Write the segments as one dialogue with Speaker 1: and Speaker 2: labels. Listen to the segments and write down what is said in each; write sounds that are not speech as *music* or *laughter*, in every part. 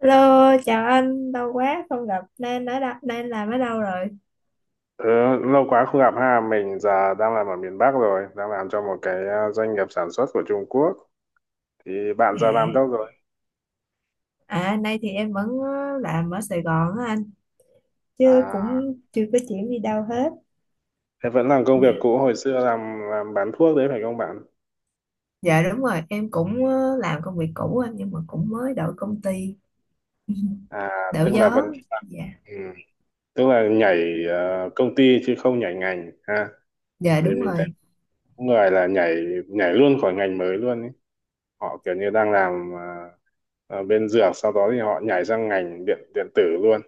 Speaker 1: Hello, chào anh, lâu quá không gặp, nên ở đâu, nên làm ở đâu rồi?
Speaker 2: Ừ, lâu quá không gặp ha. Mình giờ đang làm ở miền Bắc rồi, đang làm cho một cái doanh nghiệp sản xuất của Trung Quốc. Thì bạn giờ
Speaker 1: À,
Speaker 2: làm đâu rồi?
Speaker 1: nay thì em vẫn làm ở Sài Gòn á anh, chứ
Speaker 2: À,
Speaker 1: cũng chưa có chuyển đi đâu hết.
Speaker 2: thế vẫn làm công việc
Speaker 1: Dạ,
Speaker 2: cũ hồi xưa làm bán thuốc đấy phải không bạn?
Speaker 1: dạ, đúng rồi, em cũng làm công việc cũ anh, nhưng mà cũng mới đổi công ty,
Speaker 2: À,
Speaker 1: *laughs* đổi
Speaker 2: tức là
Speaker 1: gió.
Speaker 2: vẫn
Speaker 1: Dạ,
Speaker 2: ừ, Tức là nhảy công ty chứ không nhảy ngành ha.
Speaker 1: dạ,
Speaker 2: Vì
Speaker 1: đúng
Speaker 2: mình thấy
Speaker 1: rồi.
Speaker 2: có người là nhảy nhảy luôn khỏi ngành mới luôn ấy. Họ kiểu như đang làm ở bên dược, sau đó thì họ nhảy sang ngành điện điện tử luôn.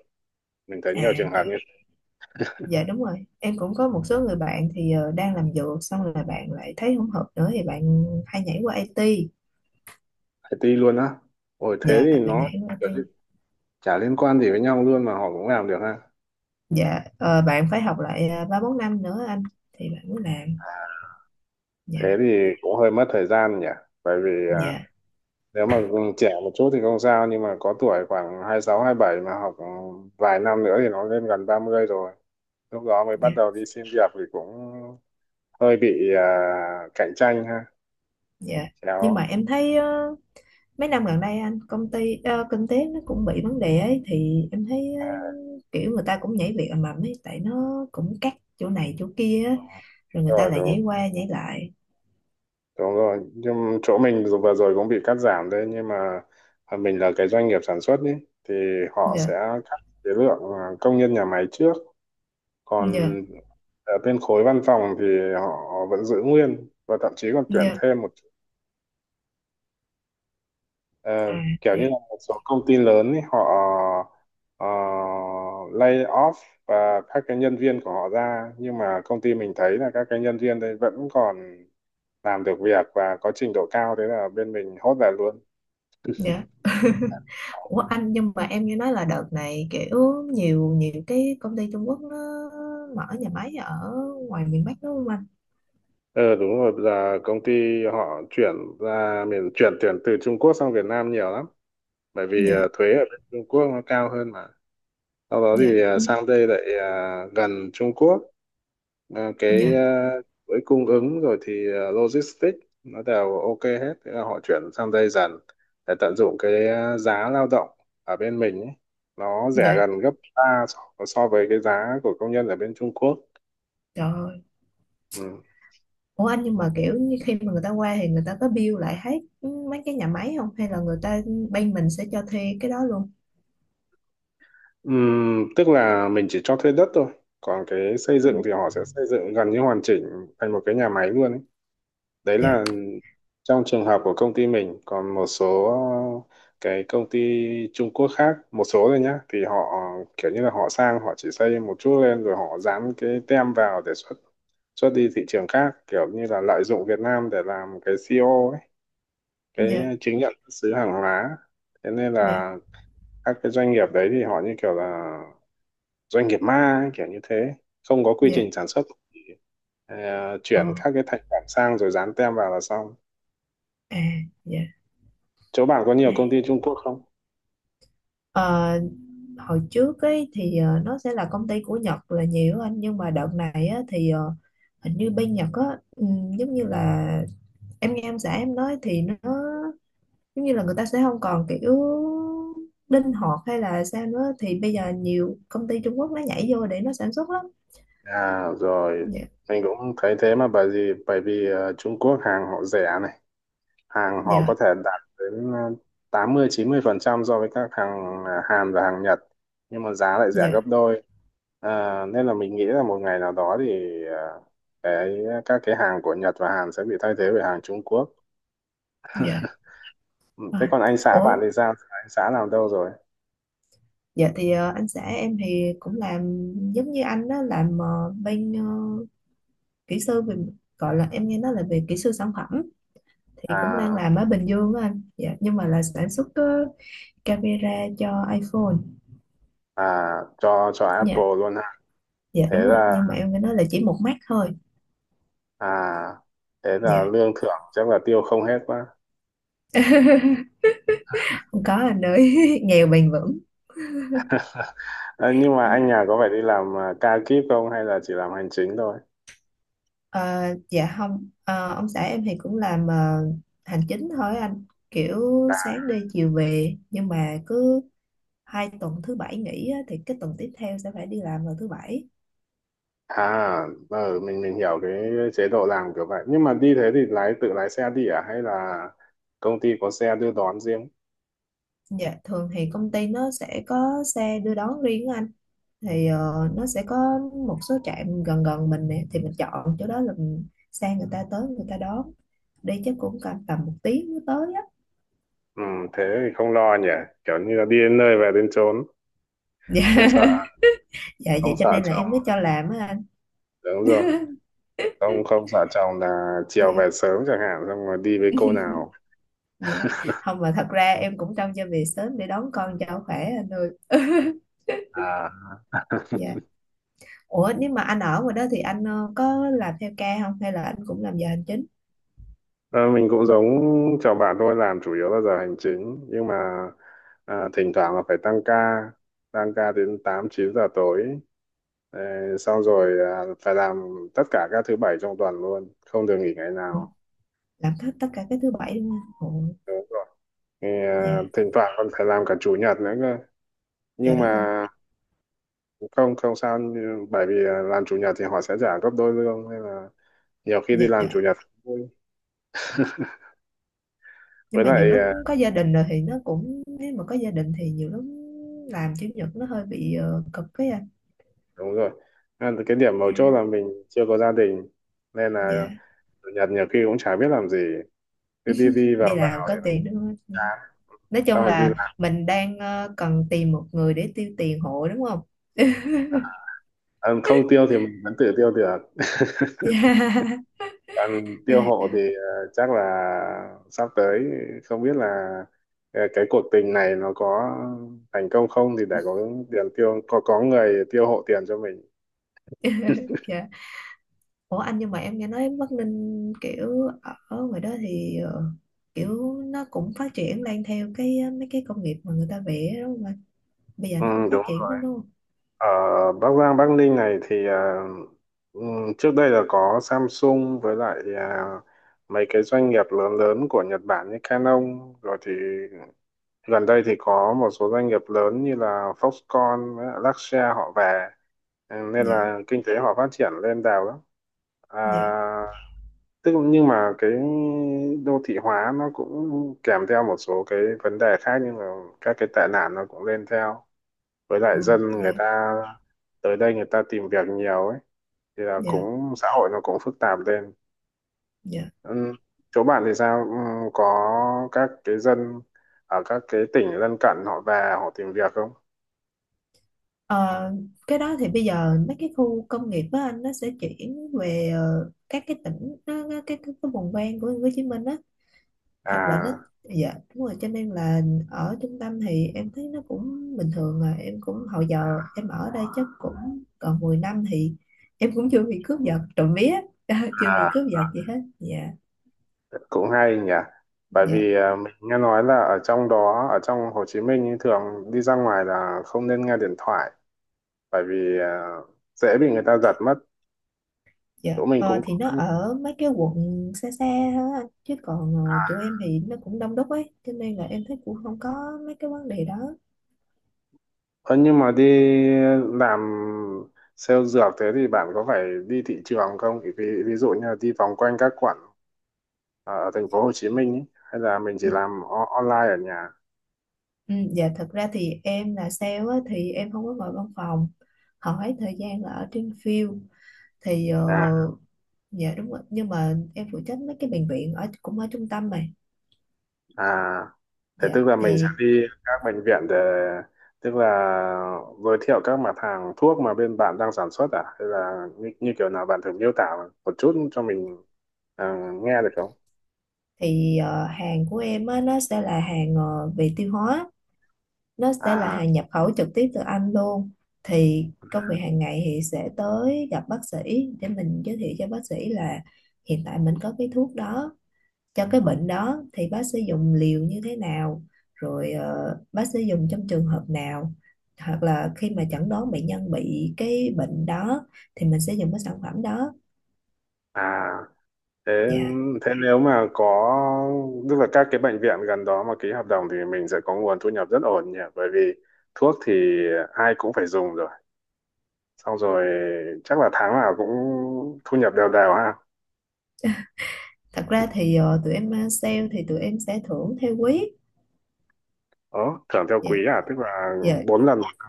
Speaker 2: Mình thấy nhiều
Speaker 1: À,
Speaker 2: trường
Speaker 1: dạ,
Speaker 2: hợp như
Speaker 1: dạ đúng rồi. Em cũng có một số người bạn thì đang làm dược, xong rồi bạn lại thấy không hợp nữa thì bạn hay nhảy qua IT.
Speaker 2: phải ti luôn á. Ôi thế
Speaker 1: Dạ,
Speaker 2: thì
Speaker 1: bạn
Speaker 2: nó
Speaker 1: nhảy qua
Speaker 2: kiểu
Speaker 1: IT.
Speaker 2: như chả liên quan gì với nhau luôn mà họ cũng làm được ha.
Speaker 1: Dạ bạn phải học lại ba bốn năm nữa anh, thì bạn mới làm.
Speaker 2: Thế
Speaker 1: dạ
Speaker 2: thì cũng hơi mất thời gian nhỉ, bởi vì à,
Speaker 1: dạ
Speaker 2: nếu mà trẻ một chút thì không sao, nhưng mà có tuổi khoảng 26 27 mà học vài năm nữa thì nó lên gần 30 rồi, lúc đó mới bắt
Speaker 1: dạ
Speaker 2: đầu đi xin việc thì cũng hơi bị cạnh tranh ha,
Speaker 1: dạ Nhưng mà
Speaker 2: chéo.
Speaker 1: em thấy mấy năm gần đây anh, công ty kinh tế nó cũng bị vấn đề ấy, thì em thấy kiểu người ta cũng nhảy việc ầm ầm ấy, tại nó cũng cắt chỗ này chỗ kia á,
Speaker 2: Ừ,
Speaker 1: rồi người ta
Speaker 2: rồi
Speaker 1: lại
Speaker 2: đúng.
Speaker 1: nhảy qua nhảy lại.
Speaker 2: Đúng rồi, nhưng chỗ mình dù vừa rồi cũng bị cắt giảm đấy, nhưng mà mình là cái doanh nghiệp sản xuất ý, thì họ sẽ
Speaker 1: dạ
Speaker 2: cắt cái lượng công nhân nhà máy trước, còn
Speaker 1: dạ
Speaker 2: ở bên khối văn phòng thì họ vẫn giữ nguyên và thậm chí còn tuyển
Speaker 1: dạ
Speaker 2: thêm một ờ,
Speaker 1: à
Speaker 2: kiểu như
Speaker 1: dạ
Speaker 2: là một số công ty lớn ý, họ ờ, lay off và các cái nhân viên của họ ra, nhưng mà công ty mình thấy là các cái nhân viên đấy vẫn còn làm được việc và có trình độ cao, thế là bên mình hốt về luôn.
Speaker 1: Dạ. *laughs* Ủa anh, nhưng mà em nghe nói là đợt này kiểu nhiều nhiều cái công ty Trung Quốc nó mở nhà máy ở ngoài miền Bắc đúng không anh?
Speaker 2: Ờ đúng rồi, bây giờ công ty họ chuyển ra miền, chuyển tiền từ Trung Quốc sang Việt Nam nhiều lắm, bởi vì
Speaker 1: Dạ,
Speaker 2: thuế ở bên Trung Quốc nó cao hơn mà. Sau đó
Speaker 1: dạ,
Speaker 2: thì
Speaker 1: ừ,
Speaker 2: sang đây lại gần Trung Quốc. Ờ, cái
Speaker 1: dạ,
Speaker 2: với cung ứng rồi thì logistics nó đều ok hết, thế là họ chuyển sang đây dần để tận dụng cái giá lao động ở bên mình ấy. Nó rẻ
Speaker 1: dạ.
Speaker 2: gần gấp ba, so so với cái giá của công nhân ở bên Trung Quốc.
Speaker 1: Trời ơi.
Speaker 2: Ừ.
Speaker 1: Ủa anh, nhưng mà kiểu như khi mà người ta qua thì người ta có bill lại hết mấy cái nhà máy không? Hay là người ta bên mình sẽ cho thuê cái đó luôn?
Speaker 2: Tức là mình chỉ cho thuê đất thôi, còn cái xây
Speaker 1: Ừ.
Speaker 2: dựng thì họ sẽ xây dựng gần như hoàn chỉnh thành một cái nhà máy luôn ấy. Đấy
Speaker 1: Dạ,
Speaker 2: là trong trường hợp của công ty mình, còn một số cái công ty Trung Quốc khác, một số thôi nhá, thì họ kiểu như là họ sang họ chỉ xây một chút lên rồi họ dán cái tem vào để xuất, xuất đi thị trường khác, kiểu như là lợi dụng Việt Nam để làm cái CO ấy, cái
Speaker 1: dạ,
Speaker 2: chứng nhận xuất xứ hàng hóa, thế nên
Speaker 1: dạ,
Speaker 2: là các cái doanh nghiệp đấy thì họ như kiểu là doanh nghiệp ma ấy, kiểu như thế, không có quy
Speaker 1: dạ.
Speaker 2: trình sản xuất, ờ,
Speaker 1: Ờ,
Speaker 2: chuyển các cái thành phẩm sang rồi dán tem vào là xong.
Speaker 1: à, dạ.
Speaker 2: Chỗ bạn có nhiều
Speaker 1: à.
Speaker 2: công ty Trung Quốc không?
Speaker 1: Ờ, hồi trước ấy thì nó sẽ là công ty của Nhật là nhiều anh, nhưng mà đợt này á, thì hình như bên Nhật á giống như là em nghe em xã em nói thì nó giống như là người ta sẽ không còn kiểu linh hoạt hay là sao nữa, thì bây giờ nhiều công ty Trung Quốc nó nhảy vô để nó sản xuất lắm.
Speaker 2: À rồi,
Speaker 1: dạ
Speaker 2: mình cũng thấy thế mà, bởi vì Trung Quốc hàng họ rẻ này, hàng họ có
Speaker 1: dạ
Speaker 2: thể đạt đến 80 90% so với các hàng Hàn và hàng Nhật, nhưng mà giá lại rẻ
Speaker 1: dạ
Speaker 2: gấp đôi. À, nên là mình nghĩ là một ngày nào đó thì cái các cái hàng của Nhật và Hàn sẽ bị thay thế bởi hàng Trung Quốc.
Speaker 1: dạ
Speaker 2: Ừ.
Speaker 1: À,
Speaker 2: Thế còn anh xã
Speaker 1: ủa,
Speaker 2: bạn thì sao? Anh xã làm đâu rồi?
Speaker 1: dạ thì anh xã em thì cũng làm giống như anh đó, làm bên kỹ sư về, gọi là em nghe nói là về kỹ sư sản phẩm, thì cũng đang
Speaker 2: À,
Speaker 1: làm ở Bình Dương á anh. Dạ, nhưng mà là sản xuất camera cho iPhone.
Speaker 2: à cho
Speaker 1: Dạ,
Speaker 2: Apple luôn ha.
Speaker 1: dạ
Speaker 2: Thế
Speaker 1: đúng rồi,
Speaker 2: là
Speaker 1: nhưng mà em nghe nói là chỉ một mắt thôi.
Speaker 2: à thế là
Speaker 1: Dạ.
Speaker 2: lương thưởng chắc là tiêu không hết quá.
Speaker 1: *laughs* Không có anh ơi, *laughs* nghèo bền vững.
Speaker 2: À, nhưng mà anh nhà có phải đi làm ca kíp không hay là chỉ làm hành chính thôi?
Speaker 1: Ờ, dạ không. Ờ, ông xã em thì cũng làm hành chính thôi anh, kiểu sáng đi chiều về, nhưng mà cứ hai tuần thứ bảy nghỉ á, thì cái tuần tiếp theo sẽ phải đi làm vào thứ bảy.
Speaker 2: À, ừ, mình hiểu cái chế độ làm kiểu vậy. Nhưng mà đi thế thì lái, tự lái xe đi à, hay là công ty có xe đưa đón riêng?
Speaker 1: Dạ, thường thì công ty nó sẽ có xe đưa đón riêng á anh, thì nó sẽ có một số trạm gần gần mình nè, thì mình chọn chỗ đó là mình sang người ta, tới người ta đón. Đi chắc cũng cần tầm một tiếng mới tới á.
Speaker 2: Ừ, thế thì không lo nhỉ. Kiểu như là đi đến nơi về đến chốn,
Speaker 1: *laughs* Dạ,
Speaker 2: không sợ,
Speaker 1: dạ
Speaker 2: không
Speaker 1: vậy cho
Speaker 2: sợ
Speaker 1: nên là
Speaker 2: chồng.
Speaker 1: em mới cho làm á anh.
Speaker 2: Đúng rồi. Không không sợ chồng là chiều
Speaker 1: dạ
Speaker 2: về sớm chẳng hạn xong rồi đi với cô nào.
Speaker 1: dạ không, mà thật ra em cũng trông cho về sớm để đón con cho khỏe anh ơi. *laughs*
Speaker 2: À.
Speaker 1: Dạ. Ủa, nếu mà anh ở ngoài đó thì anh có làm theo ca không, hay là anh cũng làm giờ hành chính?
Speaker 2: Ờ, mình cũng giống chồng bạn thôi, làm chủ yếu là giờ hành chính, nhưng mà thỉnh thoảng là phải tăng ca, đến 8 9 giờ tối. Ờ, xong rồi phải làm tất cả các thứ bảy trong tuần luôn, không được nghỉ ngày
Speaker 1: Ủa,
Speaker 2: nào,
Speaker 1: làm hết tất cả cái thứ bảy đúng không ủa?
Speaker 2: đúng rồi. Thì,
Speaker 1: Dạ.
Speaker 2: thỉnh thoảng còn phải làm cả chủ nhật nữa cơ,
Speaker 1: Trời
Speaker 2: nhưng mà
Speaker 1: đất ơi.
Speaker 2: không, bởi vì làm chủ nhật thì họ sẽ trả gấp đôi lương, nên là nhiều khi đi làm chủ
Speaker 1: Dạ.
Speaker 2: nhật cũng vui.
Speaker 1: Nhưng
Speaker 2: Với
Speaker 1: mà nhiều
Speaker 2: lại
Speaker 1: lúc có gia đình rồi thì nó cũng, nếu mà có gia đình thì nhiều lúc làm chủ nhật nó hơi bị cực với anh.
Speaker 2: đúng rồi, cái điểm mấu
Speaker 1: Dạ.
Speaker 2: chốt là mình chưa có gia đình, nên là
Speaker 1: Dạ
Speaker 2: chủ nhật nhiều khi cũng chả biết làm gì, cứ đi đi vào
Speaker 1: đi làm
Speaker 2: vào
Speaker 1: có
Speaker 2: thì nó
Speaker 1: tiền đúng không? Dạ.
Speaker 2: chán,
Speaker 1: Nói chung
Speaker 2: xong rồi đi
Speaker 1: là
Speaker 2: làm.
Speaker 1: mình đang cần tìm một người để tiêu tiền hộ đúng không?
Speaker 2: Ờ, không tiêu thì mình vẫn tự tiêu được *laughs*
Speaker 1: Dạ.
Speaker 2: còn tiêu hộ
Speaker 1: *laughs*
Speaker 2: thì chắc là sắp tới không biết là cái cuộc tình này nó có thành công không, thì để có tiền tiêu, có người tiêu hộ tiền cho mình.
Speaker 1: Dạ, ủa anh, nhưng mà em nghe nói Bắc Ninh kiểu ở ngoài đó thì kiểu nó cũng phát triển lên theo cái mấy cái công nghiệp mà người ta vẽ đúng không anh? Bây giờ
Speaker 2: Ừ,
Speaker 1: nó cũng phát
Speaker 2: đúng.
Speaker 1: triển lắm đúng không?
Speaker 2: Ở Bắc Giang, Bắc Ninh này thì trước đây là có Samsung, với lại mấy cái doanh nghiệp lớn lớn của Nhật Bản như Canon, rồi thì gần đây thì có một số doanh nghiệp lớn như là Foxconn với lại Luxshare họ về. Ừ, nên
Speaker 1: dạ
Speaker 2: là kinh tế họ phát triển lên đào lắm.
Speaker 1: dạ
Speaker 2: À, tức nhưng mà cái đô thị hóa nó cũng kèm theo một số cái vấn đề khác, nhưng mà các cái tệ nạn nó cũng lên theo, với lại
Speaker 1: Ồ,
Speaker 2: dân người
Speaker 1: dạ
Speaker 2: ta tới đây người ta tìm việc nhiều ấy, thì là
Speaker 1: dạ
Speaker 2: cũng xã hội nó cũng phức tạp lên.
Speaker 1: dạ
Speaker 2: Ừ. Chỗ bạn thì sao, ừ, có các cái dân ở các cái tỉnh lân cận họ về họ tìm việc không?
Speaker 1: Ờ, cái đó thì bây giờ mấy cái khu công nghiệp á anh, nó sẽ chuyển về các cái tỉnh nó, cái vùng ven của Hồ Chí Minh á. Thật là nó,
Speaker 2: À.
Speaker 1: dạ đúng rồi, cho nên là ở trung tâm thì em thấy nó cũng bình thường à. Em cũng hồi giờ em ở đây chắc cũng còn 10 năm thì em cũng chưa bị cướp giật, trộm vía. *laughs* Chưa bị
Speaker 2: À,
Speaker 1: cướp giật gì hết. dạ
Speaker 2: cũng hay nhỉ, bởi
Speaker 1: dạ
Speaker 2: vì mình nghe nói là ở trong đó, ở trong Hồ Chí Minh ý, thường đi ra ngoài là không nên nghe điện thoại, bởi vì dễ bị người ta giật mất,
Speaker 1: Dạ,
Speaker 2: chỗ mình
Speaker 1: ờ,
Speaker 2: cũng
Speaker 1: thì
Speaker 2: có.
Speaker 1: nó ở mấy cái quận xa xa thôi anh, chứ còn chỗ em thì nó cũng đông đúc ấy, cho nên là em thấy cũng không có mấy cái vấn đề đó.
Speaker 2: Ờ, nhưng mà đi làm sale dược thế thì bạn có phải đi thị trường không? Ví dụ như là đi vòng quanh các quận ở thành phố Hồ Chí Minh ý, hay là mình chỉ
Speaker 1: ừ,
Speaker 2: làm online ở nhà.
Speaker 1: ừ, dạ thật ra thì em là sale á, thì em không có ngồi văn phòng, hỏi thời gian là ở trên field. Thì
Speaker 2: À,
Speaker 1: dạ đúng rồi, nhưng mà em phụ trách mấy cái bệnh viện ở cũng ở trung tâm mà.
Speaker 2: à, thế
Speaker 1: Dạ,
Speaker 2: tức là mình sẽ
Speaker 1: thì
Speaker 2: đi các bệnh viện để, tức là giới thiệu các mặt hàng thuốc mà bên bạn đang sản xuất à? Hay là như kiểu nào bạn thử miêu tả một chút cho mình, ờ, nghe được không?
Speaker 1: thì hàng của em á, nó sẽ là hàng về tiêu hóa. Nó sẽ là
Speaker 2: À,
Speaker 1: hàng nhập khẩu trực tiếp từ Anh luôn. Thì công việc hàng ngày thì sẽ tới gặp bác sĩ để mình giới thiệu cho bác sĩ là hiện tại mình có cái thuốc đó cho cái bệnh đó, thì bác sẽ dùng liều như thế nào, rồi bác sẽ dùng trong trường hợp nào, hoặc là khi mà chẩn đoán bệnh nhân bị cái bệnh đó thì mình sẽ dùng cái sản phẩm đó.
Speaker 2: à. Thế
Speaker 1: Dạ
Speaker 2: thế nếu mà có, tức là các cái bệnh viện gần đó mà ký hợp đồng thì mình sẽ có nguồn thu nhập rất ổn nhỉ, bởi vì thuốc thì ai cũng phải dùng rồi, xong rồi chắc là tháng nào cũng thu nhập đều đều ha.
Speaker 1: thật ra thì tụi em sale thì tụi em sẽ thưởng theo quý.
Speaker 2: Ờ, thưởng theo
Speaker 1: dạ
Speaker 2: quý à, tức là
Speaker 1: dạ
Speaker 2: bốn lần một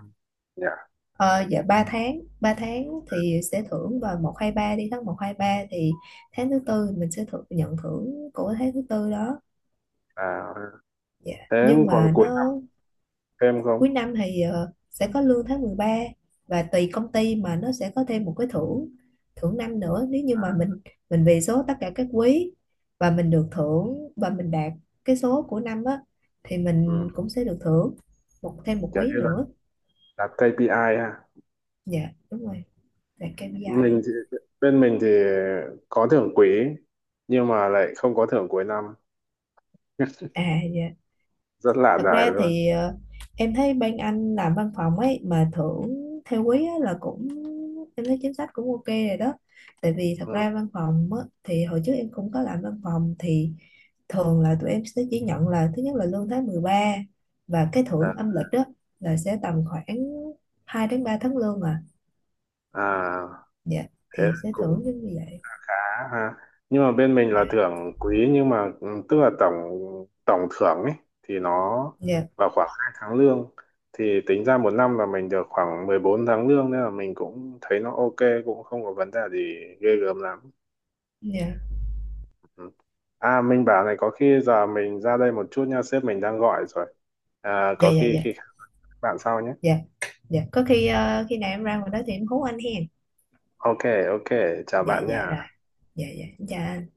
Speaker 2: nhỉ.
Speaker 1: Ờ, dạ 3 tháng, 3 tháng thì sẽ thưởng vào một 2 ba, đi tháng một 2 3 thì tháng thứ tư mình sẽ thưởng, nhận thưởng của tháng thứ tư đó.
Speaker 2: À
Speaker 1: Dạ.
Speaker 2: thế
Speaker 1: Nhưng
Speaker 2: còn
Speaker 1: mà
Speaker 2: cuối năm
Speaker 1: nó
Speaker 2: thêm không?
Speaker 1: cuối năm thì sẽ có lương tháng mười ba, và tùy công ty mà nó sẽ có thêm một cái thưởng, thưởng năm nữa. Nếu như mà mình về số tất cả các quý và mình được thưởng và mình đạt cái số của năm á, thì mình
Speaker 2: Ừ,
Speaker 1: cũng sẽ được thưởng một, thêm một
Speaker 2: kiểu
Speaker 1: quý
Speaker 2: như là
Speaker 1: nữa.
Speaker 2: đặt KPI ha.
Speaker 1: Dạ đúng rồi, đạt KPI
Speaker 2: Mình
Speaker 1: á.
Speaker 2: thì, bên mình thì có thưởng quý nhưng mà lại không có thưởng cuối năm,
Speaker 1: À dạ.
Speaker 2: rất lạ
Speaker 1: Thật
Speaker 2: đời
Speaker 1: ra
Speaker 2: luôn.
Speaker 1: thì em thấy bên anh làm văn phòng ấy mà thưởng theo quý á, là cũng em thấy chính sách cũng ok rồi đó. Tại vì thật
Speaker 2: Ừ.
Speaker 1: ra văn phòng á, thì hồi trước em cũng có làm văn phòng, thì thường là tụi em sẽ chỉ nhận là thứ nhất là lương tháng mười ba, và cái
Speaker 2: à,
Speaker 1: thưởng âm lịch đó là sẽ tầm khoảng 2 đến 3 tháng lương à.
Speaker 2: à
Speaker 1: Dạ
Speaker 2: thế
Speaker 1: thì sẽ
Speaker 2: cũng
Speaker 1: thưởng giống như vậy.
Speaker 2: khá ha, nhưng mà bên mình
Speaker 1: dạ
Speaker 2: là thưởng quý nhưng mà tức là tổng, tổng thưởng ấy thì nó
Speaker 1: dạ
Speaker 2: vào khoảng 2 tháng lương, thì tính ra một năm là mình được khoảng 14 tháng lương, nên là mình cũng thấy nó ok, cũng không có vấn đề gì ghê gớm lắm.
Speaker 1: dạ
Speaker 2: Ừ. À mình bảo này, có khi giờ mình ra đây một chút nha, sếp mình đang gọi rồi. À,
Speaker 1: dạ
Speaker 2: có
Speaker 1: dạ
Speaker 2: khi
Speaker 1: dạ
Speaker 2: khi khác bạn sau nhé.
Speaker 1: dạ dạ Có khi khi nào em ra ngoài đó thì em hú anh hen.
Speaker 2: Ok, ok, chào
Speaker 1: dạ
Speaker 2: bạn
Speaker 1: dạ rồi.
Speaker 2: nha.
Speaker 1: Dạ dạ em chào anh.